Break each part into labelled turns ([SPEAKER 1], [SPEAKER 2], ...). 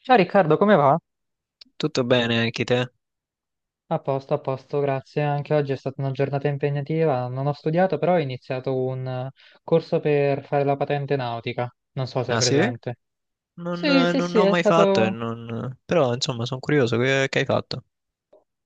[SPEAKER 1] Ciao Riccardo, come va?
[SPEAKER 2] Tutto bene anche te?
[SPEAKER 1] A posto, grazie. Anche oggi è stata una giornata impegnativa. Non ho studiato, però ho iniziato un corso per fare la patente nautica. Non so se hai
[SPEAKER 2] Ah sì?
[SPEAKER 1] presente. Sì, sì,
[SPEAKER 2] Non
[SPEAKER 1] sì,
[SPEAKER 2] ho
[SPEAKER 1] è
[SPEAKER 2] mai fatto e
[SPEAKER 1] stato
[SPEAKER 2] non... Però insomma sono curioso che hai fatto.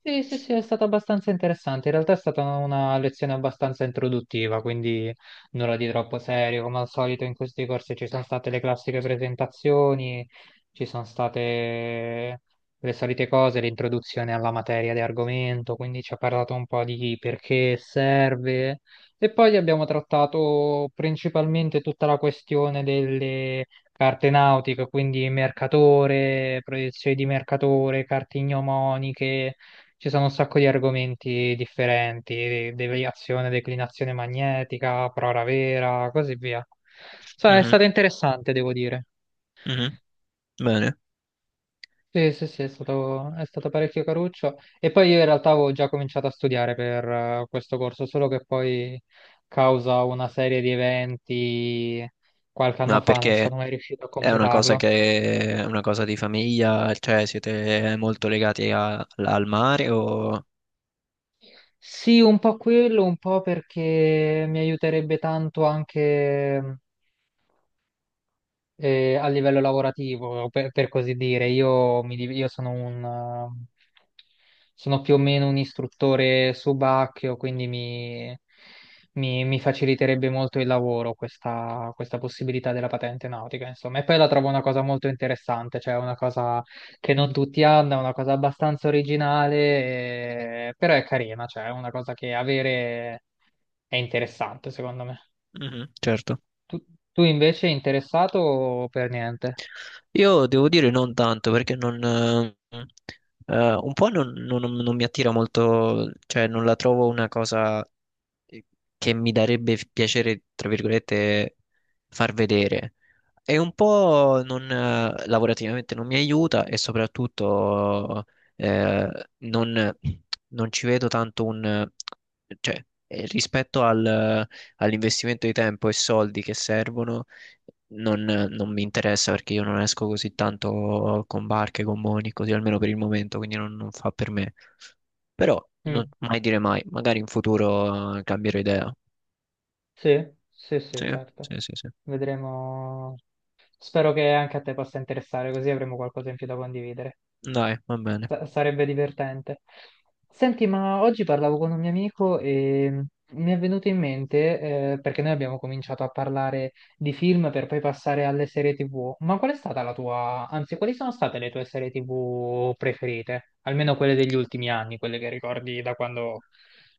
[SPEAKER 1] Sì, sì, sì, è stato abbastanza interessante. In realtà è stata una lezione abbastanza introduttiva, quindi nulla di troppo serio. Come al solito in questi corsi ci sono state le classiche presentazioni, ci sono state le solite cose, l'introduzione alla materia di argomento, quindi ci ha parlato un po' di perché serve. E poi abbiamo trattato principalmente tutta la questione delle carte nautiche, quindi mercatore, proiezioni di mercatore, carte ignomoniche. Ci sono un sacco di argomenti differenti, deviazione, declinazione magnetica, prora vera, così via. Insomma, è
[SPEAKER 2] Mhm,
[SPEAKER 1] stato interessante, devo dire.
[SPEAKER 2] mhm. Bene.
[SPEAKER 1] Sì, sì, sì, è stato parecchio caruccio. E poi io in realtà avevo già cominciato a studiare per questo corso, solo che poi, causa una serie di eventi qualche anno
[SPEAKER 2] No,
[SPEAKER 1] fa, non
[SPEAKER 2] perché
[SPEAKER 1] sono mai riuscito a completarlo.
[SPEAKER 2] è una cosa di famiglia, cioè siete molto legati al mare o...
[SPEAKER 1] Sì, un po' quello, un po' perché mi aiuterebbe tanto anche. A livello lavorativo, per così dire. Io sono sono più o meno un istruttore subacchio, quindi mi faciliterebbe molto il lavoro questa possibilità della patente nautica, insomma. E poi la trovo una cosa molto interessante, cioè una cosa che non tutti hanno, è una cosa abbastanza originale, però è carina, cioè è una cosa che avere è interessante, secondo me.
[SPEAKER 2] Mhm, certo.
[SPEAKER 1] Tu, tu invece interessato o per niente?
[SPEAKER 2] Io devo dire non tanto perché non, un po' non mi attira molto, cioè non la trovo una cosa eh, che mi darebbe piacere, tra virgolette, far vedere. E un po' non, lavorativamente non mi aiuta e soprattutto eh, non, non ci vedo tanto un... rispetto all'investimento di tempo e soldi che servono non mi interessa perché io non esco così tanto con barche, con moni, così almeno per il momento, quindi non fa per me. Però
[SPEAKER 1] Mm.
[SPEAKER 2] mai dire mai, magari in futuro cambierò idea.
[SPEAKER 1] Sì, sì, sì,
[SPEAKER 2] Sì,
[SPEAKER 1] certo.
[SPEAKER 2] sì, sì, sì.
[SPEAKER 1] Vedremo. Spero che anche a te possa interessare, così avremo qualcosa in più da condividere.
[SPEAKER 2] Dai, va bene.
[SPEAKER 1] Sarebbe divertente. Senti, ma oggi parlavo con un mio amico e mi è venuto in mente, perché noi abbiamo cominciato a parlare di film per poi passare alle serie TV. Ma qual è stata la tua, anzi, quali sono state le tue serie TV preferite? Almeno quelle degli ultimi anni, quelle che ricordi da quando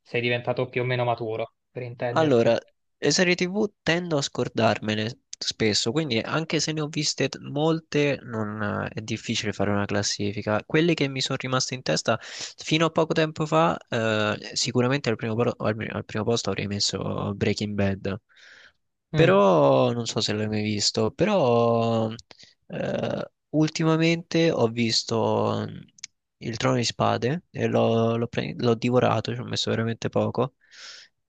[SPEAKER 1] sei diventato più o meno maturo, per intenderci.
[SPEAKER 2] Allora, le serie TV tendo a scordarmele spesso, quindi anche se ne ho viste molte, non è difficile fare una classifica. Quelle che mi sono rimaste in testa fino a poco tempo fa, sicuramente al primo, al primo posto avrei messo Breaking Bad.
[SPEAKER 1] Mm.
[SPEAKER 2] Però non so se l'hai mai visto, però eh, ultimamente ho visto Il Trono di Spade e l'ho divorato, ci ho messo veramente poco.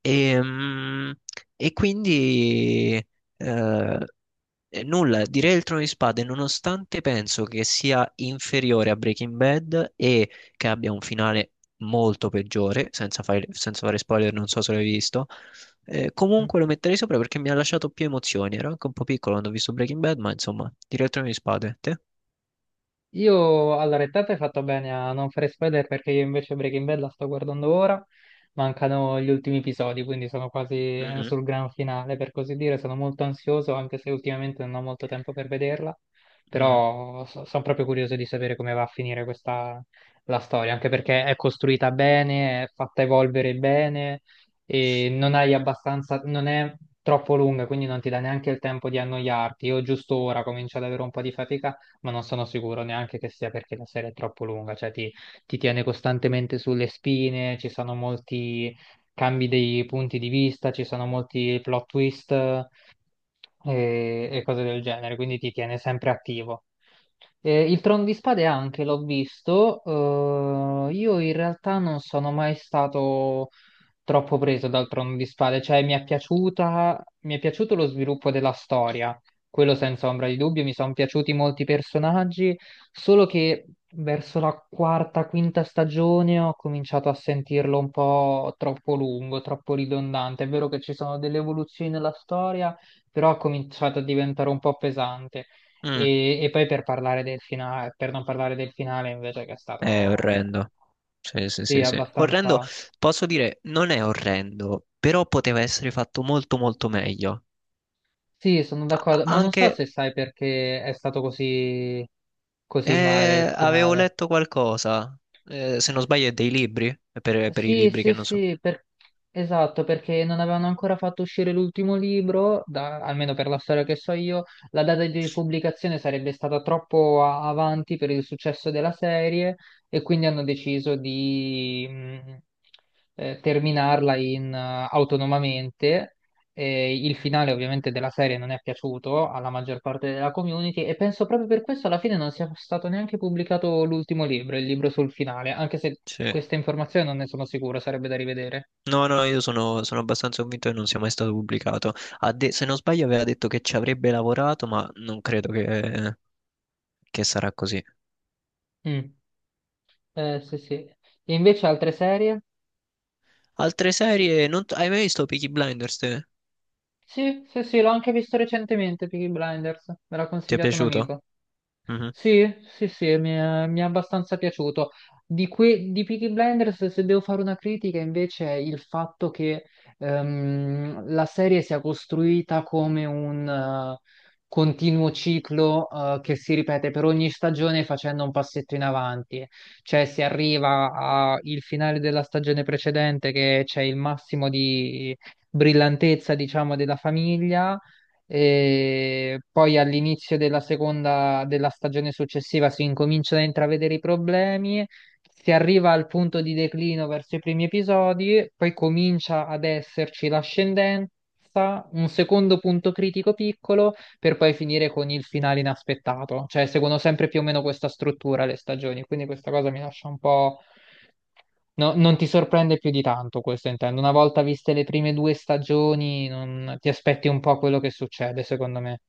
[SPEAKER 2] E, mm, e quindi eh, Direi il Trono di Spade, nonostante penso che sia inferiore a Breaking Bad e che abbia un finale molto peggiore, senza fare spoiler, non so se l'hai visto,
[SPEAKER 1] Mm.
[SPEAKER 2] comunque lo metterei sopra perché mi ha lasciato più emozioni. Ero anche un po' piccolo quando ho visto Breaking Bad, ma insomma, direi il Trono di Spade. Te?
[SPEAKER 1] Io, allora, te hai fatto bene a non fare spoiler perché io invece Breaking Bad la sto guardando ora, mancano gli ultimi episodi, quindi sono quasi
[SPEAKER 2] Mhm,
[SPEAKER 1] sul gran finale, per così dire, sono molto ansioso, anche se ultimamente non ho molto tempo per vederla,
[SPEAKER 2] mhm.
[SPEAKER 1] però sono proprio curioso di sapere come va a finire questa, la storia, anche perché è costruita bene, è fatta evolvere bene e non hai abbastanza, non è troppo lunga, quindi non ti dà neanche il tempo di annoiarti. Io giusto ora comincio ad avere un po' di fatica ma non sono sicuro neanche che sia perché la serie è troppo lunga, cioè ti tiene costantemente sulle spine, ci sono molti cambi dei punti di vista, ci sono molti plot twist e cose del genere, quindi ti tiene sempre attivo. Il Trono di Spade anche l'ho visto, io in realtà non sono mai stato troppo preso dal Trono di Spade, cioè mi è piaciuto lo sviluppo della storia, quello senza ombra di dubbio, mi sono piaciuti molti personaggi, solo che verso la quarta, quinta stagione ho cominciato a sentirlo un po' troppo lungo, troppo ridondante, è vero che ci sono delle evoluzioni nella storia, però ha cominciato a diventare un po' pesante.
[SPEAKER 2] Mm.
[SPEAKER 1] E poi per parlare del finale, per non parlare del finale invece che è
[SPEAKER 2] È
[SPEAKER 1] stato, cioè,
[SPEAKER 2] orrendo. Sì, sì,
[SPEAKER 1] sì,
[SPEAKER 2] sì, sì. Orrendo,
[SPEAKER 1] abbastanza...
[SPEAKER 2] posso dire, non è orrendo, però poteva essere fatto molto, molto meglio.
[SPEAKER 1] Sì, sono
[SPEAKER 2] A-
[SPEAKER 1] d'accordo, ma non
[SPEAKER 2] anche,
[SPEAKER 1] so se sai perché è stato così, così male il
[SPEAKER 2] Avevo
[SPEAKER 1] finale.
[SPEAKER 2] letto qualcosa, se non sbaglio, è dei libri, è per i
[SPEAKER 1] Sì,
[SPEAKER 2] libri
[SPEAKER 1] sì,
[SPEAKER 2] che non so.
[SPEAKER 1] sì, esatto, perché non avevano ancora fatto uscire l'ultimo libro, almeno per la storia che so io, la data di pubblicazione sarebbe stata troppo avanti per il successo della serie e quindi hanno deciso di terminarla autonomamente e il finale ovviamente della serie non è piaciuto alla maggior parte della community e penso proprio per questo alla fine non sia stato neanche pubblicato l'ultimo libro, il libro sul finale, anche se
[SPEAKER 2] Sì.
[SPEAKER 1] questa informazione non ne sono sicuro, sarebbe da rivedere.
[SPEAKER 2] No, no, io sono abbastanza convinto che non sia mai stato pubblicato. Se non sbaglio, aveva detto che ci avrebbe lavorato, ma non credo che sarà così.
[SPEAKER 1] Mm. Sì, sì. E invece altre serie?
[SPEAKER 2] Altre serie, non t- hai mai visto Peaky Blinders? Te?
[SPEAKER 1] Sì, sì, sì, l'ho anche visto recentemente, Peaky Blinders, me l'ha
[SPEAKER 2] Ti è
[SPEAKER 1] consigliato un
[SPEAKER 2] piaciuto?
[SPEAKER 1] amico.
[SPEAKER 2] Mhm.
[SPEAKER 1] Sì, sì, sì, mi è abbastanza piaciuto. Di Peaky Blinders, se devo fare una critica, invece, è il fatto che la serie sia costruita come un continuo ciclo che si ripete per ogni stagione facendo un passetto in avanti. Cioè, si arriva al finale della stagione precedente, che c'è il massimo di brillantezza, diciamo, della famiglia e poi all'inizio della seconda della stagione successiva si incominciano a intravedere i problemi, si arriva al punto di declino verso i primi episodi, poi comincia ad esserci l'ascendenza, un secondo punto critico piccolo, per poi finire con il finale inaspettato. Cioè, seguono sempre più o meno questa struttura le stagioni, quindi questa cosa mi lascia un po'. No, non ti sorprende più di tanto questo intendo. Una volta viste le prime due stagioni, ti aspetti un po' quello che succede, secondo me.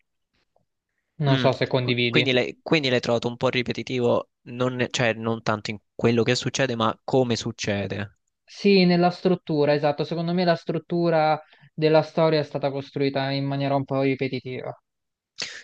[SPEAKER 1] Non
[SPEAKER 2] Mm,
[SPEAKER 1] so se
[SPEAKER 2] qu-
[SPEAKER 1] condividi.
[SPEAKER 2] Quindi l'hai trovato un po' ripetitivo, non, cioè non tanto in quello che succede, ma come succede.
[SPEAKER 1] Sì, nella struttura, esatto. Secondo me la struttura della storia è stata costruita in maniera un po' ripetitiva.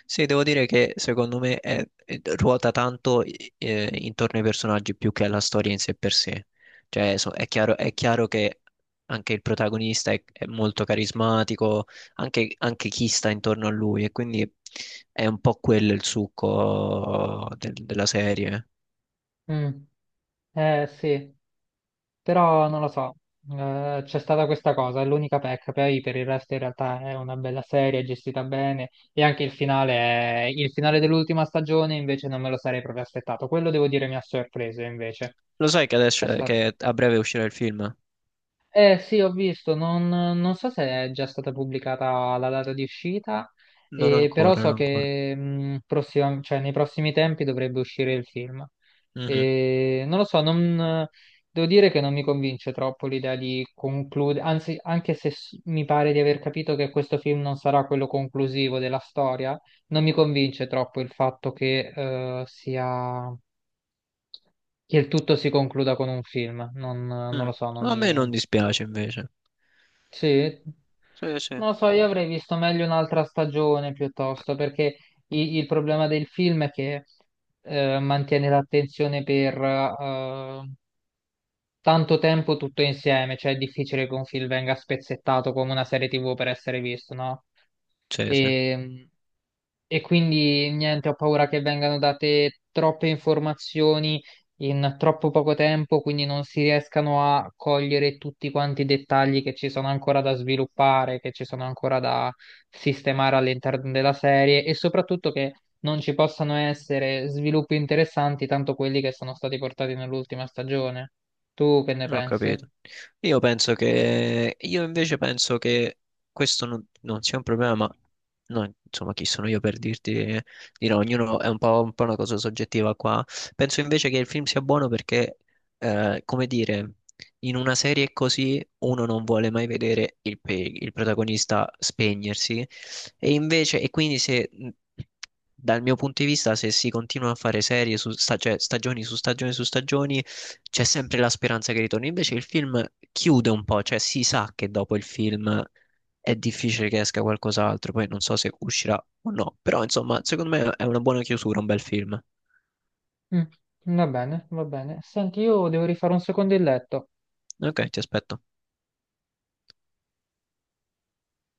[SPEAKER 2] Sì, devo dire che secondo me ruota tanto intorno ai personaggi più che alla storia in sé per sé. Cioè, è chiaro che anche il protagonista è molto carismatico, anche, anche chi sta intorno a lui, e quindi è un po' quello il succo della serie.
[SPEAKER 1] Mm. Sì. Però non lo so, c'è stata questa cosa, è l'unica pecca, poi per il resto in realtà è una bella serie, è gestita bene e anche il finale, il finale dell'ultima stagione invece non me lo sarei proprio aspettato, quello devo dire mi ha sorpreso invece,
[SPEAKER 2] Lo sai che
[SPEAKER 1] è
[SPEAKER 2] adesso
[SPEAKER 1] stato...
[SPEAKER 2] che a breve uscirà il film?
[SPEAKER 1] Eh sì, ho visto, non so se è già stata pubblicata la data di uscita,
[SPEAKER 2] Non
[SPEAKER 1] però
[SPEAKER 2] ancora,
[SPEAKER 1] so
[SPEAKER 2] non ancora.
[SPEAKER 1] che nei prossimi tempi dovrebbe uscire il film.
[SPEAKER 2] Mhm,
[SPEAKER 1] E non lo so, devo dire che non mi convince troppo l'idea di concludere, anzi, anche se mi pare di aver capito che questo film non sarà quello conclusivo della storia, non mi convince troppo il fatto che il tutto si concluda con un film. Non, non
[SPEAKER 2] mm.
[SPEAKER 1] lo so, non
[SPEAKER 2] A me
[SPEAKER 1] mi...
[SPEAKER 2] non dispiace invece.
[SPEAKER 1] Sì.
[SPEAKER 2] Sì, sì.
[SPEAKER 1] Non lo so, io avrei visto meglio un'altra stagione piuttosto, perché il problema del film è che mantiene l'attenzione per tanto tempo tutto insieme, cioè è difficile che un film venga spezzettato come una serie TV per essere visto, no?
[SPEAKER 2] Sì, sì.
[SPEAKER 1] E, e quindi niente, ho paura che vengano date troppe informazioni in troppo poco tempo, quindi non si riescano a cogliere tutti quanti i dettagli che ci sono ancora da sviluppare, che ci sono ancora da sistemare all'interno della serie e soprattutto che non ci possano essere sviluppi interessanti, tanto quelli che sono stati portati nell'ultima stagione. Tu che ne
[SPEAKER 2] Ho
[SPEAKER 1] pensi?
[SPEAKER 2] capito. Io invece penso che questo non, non sia un problema, ma no, insomma, chi sono io per dirti di no? Ognuno è un po' una cosa soggettiva qua. Penso invece che il film sia buono perché, come dire, in una serie così uno non vuole mai vedere il protagonista spegnersi e quindi se. Dal mio punto di vista, se si continua a fare serie su stagioni su stagioni su stagioni, c'è sempre la speranza che ritorni. Invece il film chiude un po', cioè si sa che dopo il film è difficile che esca qualcos'altro. Poi non so se uscirà o no. Però, insomma, secondo me è una buona chiusura, un bel film.
[SPEAKER 1] Mm, va bene, va bene. Senti, io devo rifare un secondo il letto.
[SPEAKER 2] Ok, ti aspetto.